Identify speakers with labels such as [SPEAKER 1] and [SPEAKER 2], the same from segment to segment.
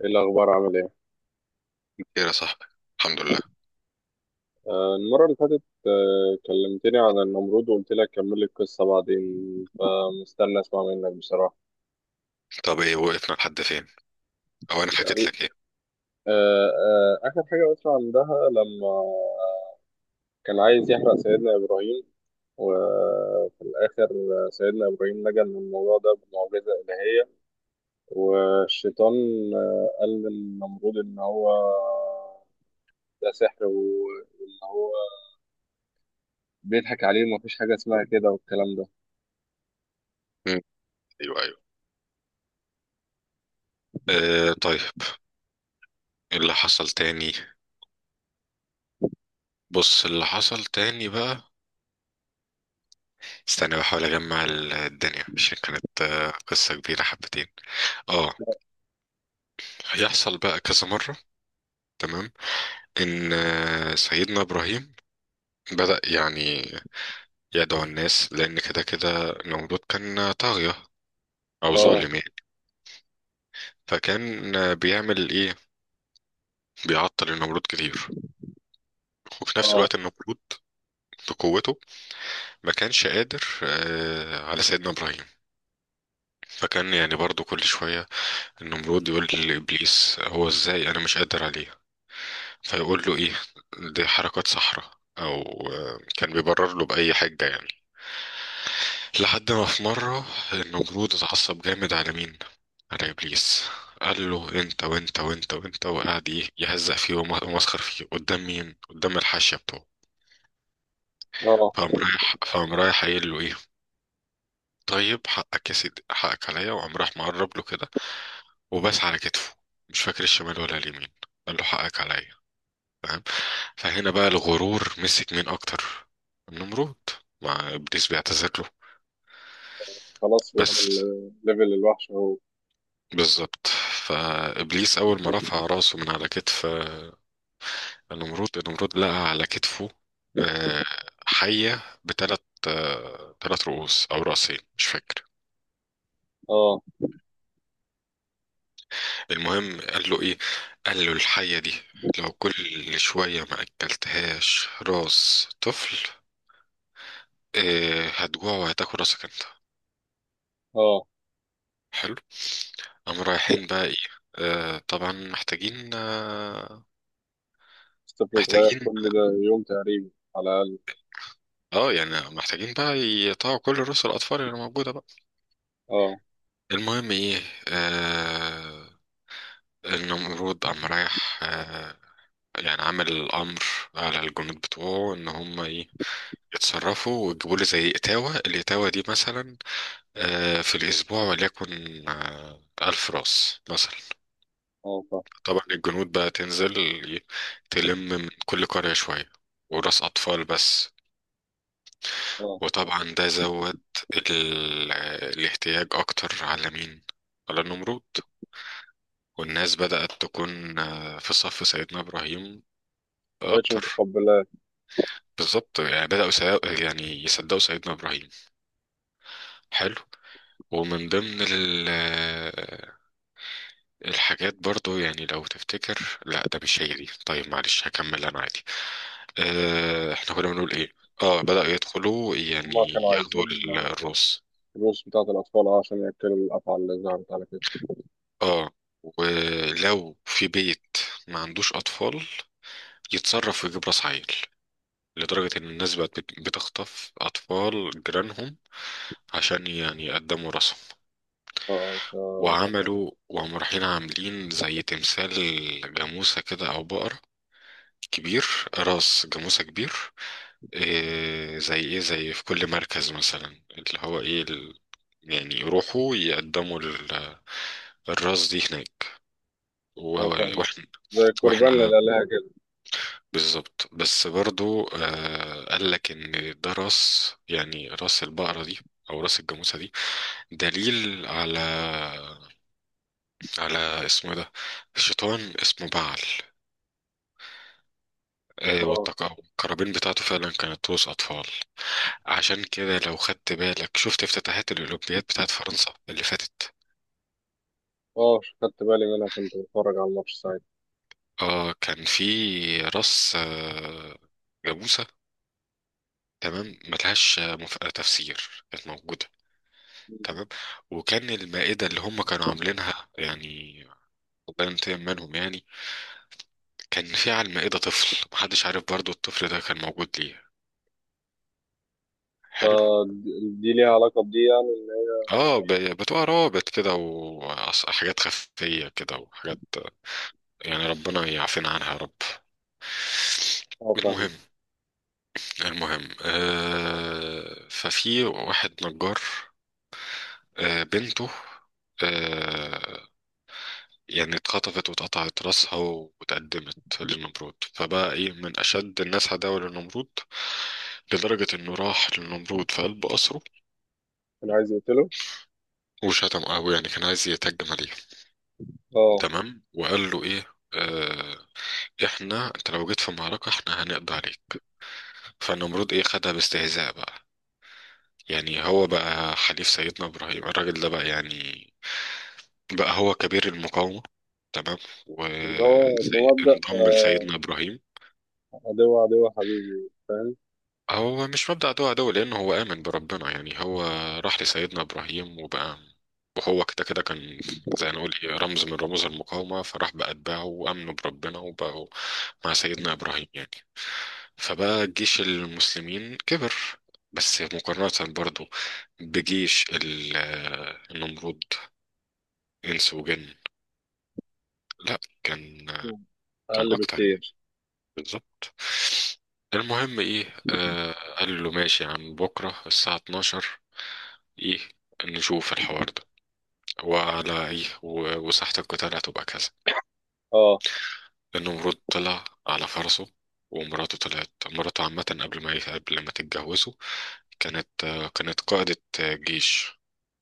[SPEAKER 1] ايه الاخبار؟ عامل ايه؟
[SPEAKER 2] خير يا صاحبي، الحمد لله.
[SPEAKER 1] المره اللي فاتت كلمتني عن النمرود وقلت لك كمل لي القصه بعدين، فمستني اسمع منك بصراحه.
[SPEAKER 2] طب ايه وقفنا لحد فين؟ او انا حكيت
[SPEAKER 1] تقريبا.
[SPEAKER 2] لك ايه؟
[SPEAKER 1] اخر حاجه قلت عندها لما كان عايز يحرق سيدنا ابراهيم، وفي الاخر سيدنا ابراهيم نجا من الموضوع ده بمعجزه الهيه. والشيطان قال للنمرود ان هو ده سحر، وان هو بيضحك عليه ومفيش حاجه اسمها كده والكلام ده.
[SPEAKER 2] مم. ايوه ايوه، آه طيب. إيه اللي حصل تاني؟ بص اللي حصل تاني بقى. استنى بحاول اجمع الدنيا عشان كانت قصة كبيرة حبتين. اه، هيحصل بقى كذا مرة، تمام. ان سيدنا ابراهيم بدأ يعني يدعو الناس، لان كده كده نمرود كان طاغية او
[SPEAKER 1] اه.
[SPEAKER 2] ظالم يعني. فكان بيعمل ايه؟ بيعطل النمرود كتير، وفي نفس
[SPEAKER 1] اه.
[SPEAKER 2] الوقت النمرود لقوته ما كانش قادر على سيدنا إبراهيم. فكان يعني برضو كل شوية النمرود يقول لإبليس، هو إزاي أنا مش قادر عليه؟ فيقول له إيه؟ دي حركات صحراء، أو كان بيبرر له بأي حجة يعني. لحد ما في مرة النمرود اتعصب جامد على مين؟ على إبليس. قال له انت وانت وانت وانت، وقعد ايه، يهزق فيه ومسخر فيه قدام مين؟ قدام الحاشيه بتوعه. فقام
[SPEAKER 1] اه،
[SPEAKER 2] رايح فقام رايح قايل له ايه؟ طيب حقك يا سيدي، حقك عليا. وقام راح مقرب له كده، وبس على كتفه، مش فاكر الشمال ولا اليمين، قال له حقك عليا، فاهم؟ فهنا بقى الغرور مسك مين اكتر؟ النمرود، مع ابليس بيعتذر له،
[SPEAKER 1] خلاص وصل.
[SPEAKER 2] بس.
[SPEAKER 1] ليفل الوحش اهو.
[SPEAKER 2] بالظبط. فابليس اول ما رفع راسه من على كتف النمرود لقى على كتفه، آه، حية بثلاث، ثلاث رؤوس او راسين مش فاكر.
[SPEAKER 1] اه.
[SPEAKER 2] المهم قال له ايه؟ قال له الحية دي لو كل شوية ما اكلتهاش راس طفل، إيه، هتجوع وهتاكل راسك انت.
[SPEAKER 1] اه،
[SPEAKER 2] حلو. قام رايحين بقى ايه؟ آه طبعا محتاجين آه،
[SPEAKER 1] طفل صغير
[SPEAKER 2] محتاجين.
[SPEAKER 1] كل ده؟ يوم تقريبا، على الأقل.
[SPEAKER 2] اه يعني محتاجين بقى يقطعوا كل رؤوس الاطفال اللي موجودة بقى.
[SPEAKER 1] اه.
[SPEAKER 2] المهم ايه؟ آه، النمرود قام رايح آه، يعني عمل الامر على الجنود بتوعه ان هم ايه، يتصرفوا ويجيبوا لي زي اتاوه، الاتاوه دي مثلا في الاسبوع، وليكن الف راس مثلا.
[SPEAKER 1] اه.
[SPEAKER 2] طبعا الجنود بقى تنزل، ي- تلم من كل قريه شويه، وراس اطفال بس.
[SPEAKER 1] اه،
[SPEAKER 2] وطبعا ده زود ال... الاحتياج اكتر على مين؟ على النمرود. والناس بدأت تكون في صف سيدنا ابراهيم
[SPEAKER 1] مبقتش
[SPEAKER 2] اكتر.
[SPEAKER 1] متقبلاه.
[SPEAKER 2] بالظبط، يعني يعني يصدقوا سيدنا ابراهيم. حلو. ومن ضمن الحاجات برضو يعني لو تفتكر، لا ده مش هي دي، طيب معلش هكمل انا عادي. اه احنا كنا بنقول ايه؟ اه بدأوا يدخلوا
[SPEAKER 1] هما كانوا
[SPEAKER 2] يعني ياخدوا
[SPEAKER 1] عايزين
[SPEAKER 2] الراس.
[SPEAKER 1] الفلوس بتاعة الأطفال عشان يأكلوا الأفعى اللي ظهرت على كتفه.
[SPEAKER 2] اه، ولو في بيت ما عندوش اطفال، يتصرف ويجيب راس عيل. لدرجة ان الناس بقت بتخطف اطفال جيرانهم عشان يعني يقدموا راسهم.
[SPEAKER 1] اه.
[SPEAKER 2] وعملوا وهم رايحين، عاملين زي تمثال جاموسة كده او بقرة كبير، راس جاموسة كبير، إيه زي ايه، زي في كل مركز مثلا اللي هو ايه يعني يروحوا يقدموا الراس دي هناك، و...
[SPEAKER 1] اه، فاهم،
[SPEAKER 2] واحنا،
[SPEAKER 1] زي القربان
[SPEAKER 2] واحنا
[SPEAKER 1] للآلهة كده.
[SPEAKER 2] بالظبط. بس برضو آه قال لك ان ده راس، يعني راس البقرة دي او راس الجاموسة دي دليل على، على اسمه إيه ده، شيطان اسمه بعل. آه،
[SPEAKER 1] اه.
[SPEAKER 2] والقرابين بتاعته فعلا كانت رؤوس اطفال. عشان كده لو خدت بالك، شفت افتتاحات الأولمبياد بتاعت فرنسا اللي فاتت،
[SPEAKER 1] اه، خدت بالي منها، كنت بتفرج على الماتش ساعتها.
[SPEAKER 2] اه كان في رأس جاموسة. تمام، ملهاش تفسير، كانت موجودة. تمام. وكان المائدة اللي هم كانوا عاملينها يعني، الله ينتقم منهم يعني، كان في على المائدة طفل، محدش عارف برضو الطفل ده كان موجود ليه. حلو.
[SPEAKER 1] آه، دي دي ليها علاقة بدي، يعني إن هي-
[SPEAKER 2] اه بتوع روابط كده، وحاجات خفية كده وحاجات، يعني ربنا يعافينا عنها يا رب.
[SPEAKER 1] اه، فاهم.
[SPEAKER 2] المهم، المهم آه ففي واحد نجار، آه بنته، آه يعني اتخطفت واتقطعت راسها واتقدمت للنمرود، فبقى ايه، من اشد الناس عداوة للنمرود، لدرجة انه راح للنمرود في قلب قصره،
[SPEAKER 1] كان عايز يقتله.
[SPEAKER 2] وشتم قوي يعني كان عايز يتهجم عليه.
[SPEAKER 1] اه.
[SPEAKER 2] تمام. وقال له ايه، آه، احنا انت لو جيت في المعركة احنا هنقضي عليك. فالنمرود ايه، خدها باستهزاء بقى، يعني هو بقى حليف سيدنا ابراهيم الراجل ده بقى يعني، بقى هو كبير المقاومة، تمام.
[SPEAKER 1] اللي هو بمبدأ
[SPEAKER 2] وانضم لسيدنا إبراهيم.
[SPEAKER 1] عدو عدو حبيبي، فاهم؟
[SPEAKER 2] هو مش مبدأ عدو عدو، لأنه هو آمن بربنا، يعني هو راح لسيدنا إبراهيم وبقى، وهو كده كده كان زي ما نقول إيه، رمز من رموز المقاومة، فراح بأتباعه وآمنوا بربنا وبقوا مع سيدنا إبراهيم يعني. فبقى جيش المسلمين كبر، بس مقارنة برضو بجيش ال- النمرود، إنس وجن، لا كان،
[SPEAKER 1] مم.
[SPEAKER 2] كان
[SPEAKER 1] اقل
[SPEAKER 2] أكتر يعني،
[SPEAKER 1] بكتير.
[SPEAKER 2] بالظبط. المهم ايه، آه قال له ماشي يا عم، بكرة الساعة 12 ايه، نشوف الحوار ده، وعلى ايه وساحة القتال هتبقى كذا.
[SPEAKER 1] اه.
[SPEAKER 2] النمرود طلع على فرسه، ومراته طلعت، مراته عامة قبل ما تتجوزوا كانت كانت قائدة جيش،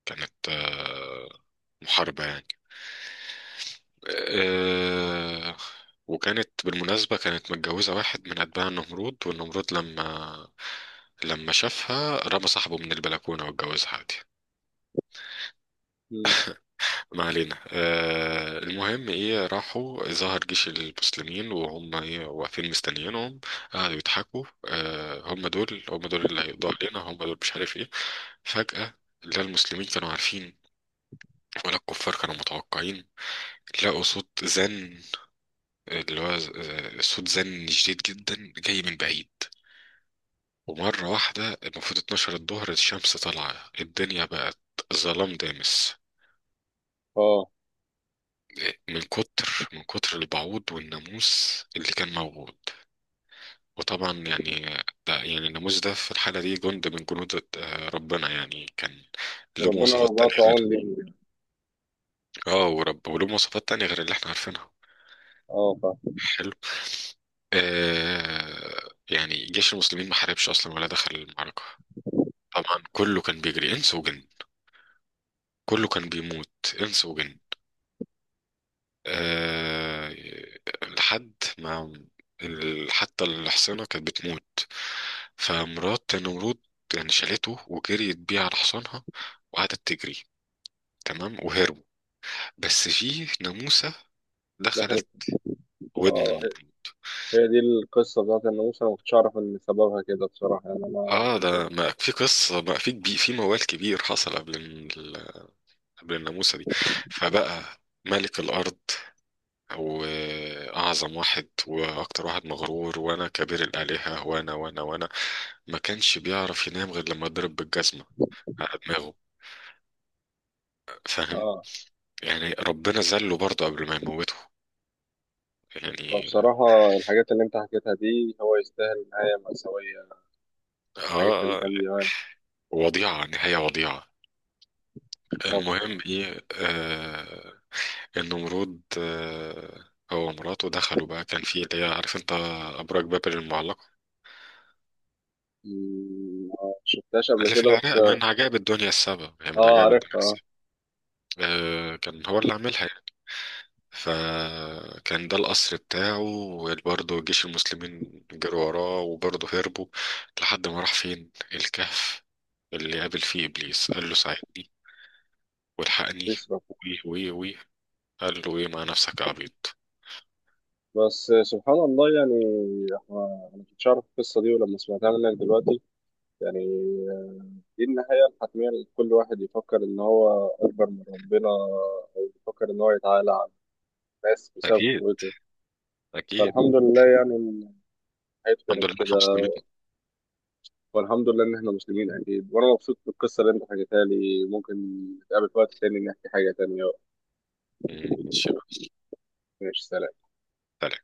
[SPEAKER 2] كانت محاربة يعني، آه، وكانت بالمناسبة كانت متجوزة واحد من أتباع النمرود، والنمرود لما شافها رمى صاحبه من البلكونة واتجوزها عادي.
[SPEAKER 1] مم.
[SPEAKER 2] ما علينا، المهم ايه، راحوا ظهر جيش المسلمين وهم ايه واقفين مستنيينهم، قعدوا يضحكوا، هم دول، هم دول اللي هيقضوا علينا، هم دول مش عارف ايه. فجأة لا المسلمين كانوا عارفين ولا الكفار كانوا متوقعين، لقوا صوت زن، اللي هو صوت زن شديد جدا جاي من بعيد. ومرة واحدة، المفروض 12 الظهر، الشمس طالعة، الدنيا بقت ظلام دامس،
[SPEAKER 1] اه،
[SPEAKER 2] من كتر البعوض والناموس اللي كان موجود. وطبعا يعني ده يعني الناموس ده في الحالة دي جند من جنود ربنا يعني، كان له
[SPEAKER 1] وربنا
[SPEAKER 2] مواصفات تانية
[SPEAKER 1] برضه عون
[SPEAKER 2] غير،
[SPEAKER 1] لي.
[SPEAKER 2] اه ورب وله مواصفات تانية غير اللي احنا عارفينها.
[SPEAKER 1] اه، فاهم.
[SPEAKER 2] حلو. آه يعني جيش المسلمين ما حاربش اصلا ولا دخل المعركة، طبعا كله كان بيجري، انس وجن، كله كان بيموت، انس وجن. أه لحد ما حتى الحصانة كانت بتموت. فمرات نمرود يعني شالته وجريت بيه على حصانها، وقعدت تجري، تمام وهربوا. بس في ناموسة
[SPEAKER 1] دخلت.
[SPEAKER 2] دخلت ودن
[SPEAKER 1] اه، هي
[SPEAKER 2] النمر.
[SPEAKER 1] هي دي القصه بتاعت الناموسه، انا ما كنتش اعرف ان سببها كده بصراحه، يعني انا
[SPEAKER 2] اه،
[SPEAKER 1] كنت.
[SPEAKER 2] ده ما في كبير، في موال كبير حصل قبل الناموسة دي، فبقى ملك الأرض وأعظم واحد وأكتر واحد مغرور، وأنا كبير الآلهة وأنا وأنا وأنا، ما كانش بيعرف ينام غير لما يضرب بالجزمة على دماغه، فاهم؟
[SPEAKER 1] اه،
[SPEAKER 2] يعني ربنا ذله برضه قبل ما يموته يعني.
[SPEAKER 1] فبصراحه الحاجات اللي انت حكيتها دي، هو يستاهل نهايه مأساويه. الحاجات اللي
[SPEAKER 2] آه
[SPEAKER 1] كان بيعمل.
[SPEAKER 2] وضيعة، نهاية وضيعة.
[SPEAKER 1] اه، بصراحه.
[SPEAKER 2] المهم إيه، آه النمرود آه هو ومراته دخلوا بقى، كان في اللي هي عارف أنت، أبراج بابل المعلقة،
[SPEAKER 1] مم، ما شفتهاش قبل
[SPEAKER 2] اللي في
[SPEAKER 1] كده بس.
[SPEAKER 2] العراق من عجائب الدنيا السبع، يعني من
[SPEAKER 1] اه،
[SPEAKER 2] عجائب الدنيا
[SPEAKER 1] عارفها اه.
[SPEAKER 2] السبع، كان هو اللي عاملها. فكان ده القصر بتاعه، وبرضه جيش المسلمين جروا وراه، وبرضه هربوا لحد ما راح فين، الكهف اللي قابل فيه إبليس، قال له ساعدني والحقني،
[SPEAKER 1] بيسرا.
[SPEAKER 2] ويه ويه ويه. قال له ايه، مع نفسك يا عبيط.
[SPEAKER 1] بس سبحان الله يعني. احنا، انا ما كنتش اعرف القصه دي، ولما سمعتها منك دلوقتي يعني، دي النهاية الحتمية لكل واحد يفكر إن هو أكبر من ربنا، أو يفكر إن هو يتعالى على الناس بسبب
[SPEAKER 2] أكيد،
[SPEAKER 1] قوته.
[SPEAKER 2] أكيد،
[SPEAKER 1] فالحمد لله يعني إن حياته
[SPEAKER 2] الحمد
[SPEAKER 1] كانت
[SPEAKER 2] لله احنا
[SPEAKER 1] كده.
[SPEAKER 2] مسلمين.
[SPEAKER 1] والحمد لله إن إحنا مسلمين أكيد، وأنا مبسوط بالقصة اللي أنت حكيتها لي. ممكن نتقابل في وقت تاني نحكي حاجة تانية.
[SPEAKER 2] ماشي.
[SPEAKER 1] ماشي، سلام.
[SPEAKER 2] سلام.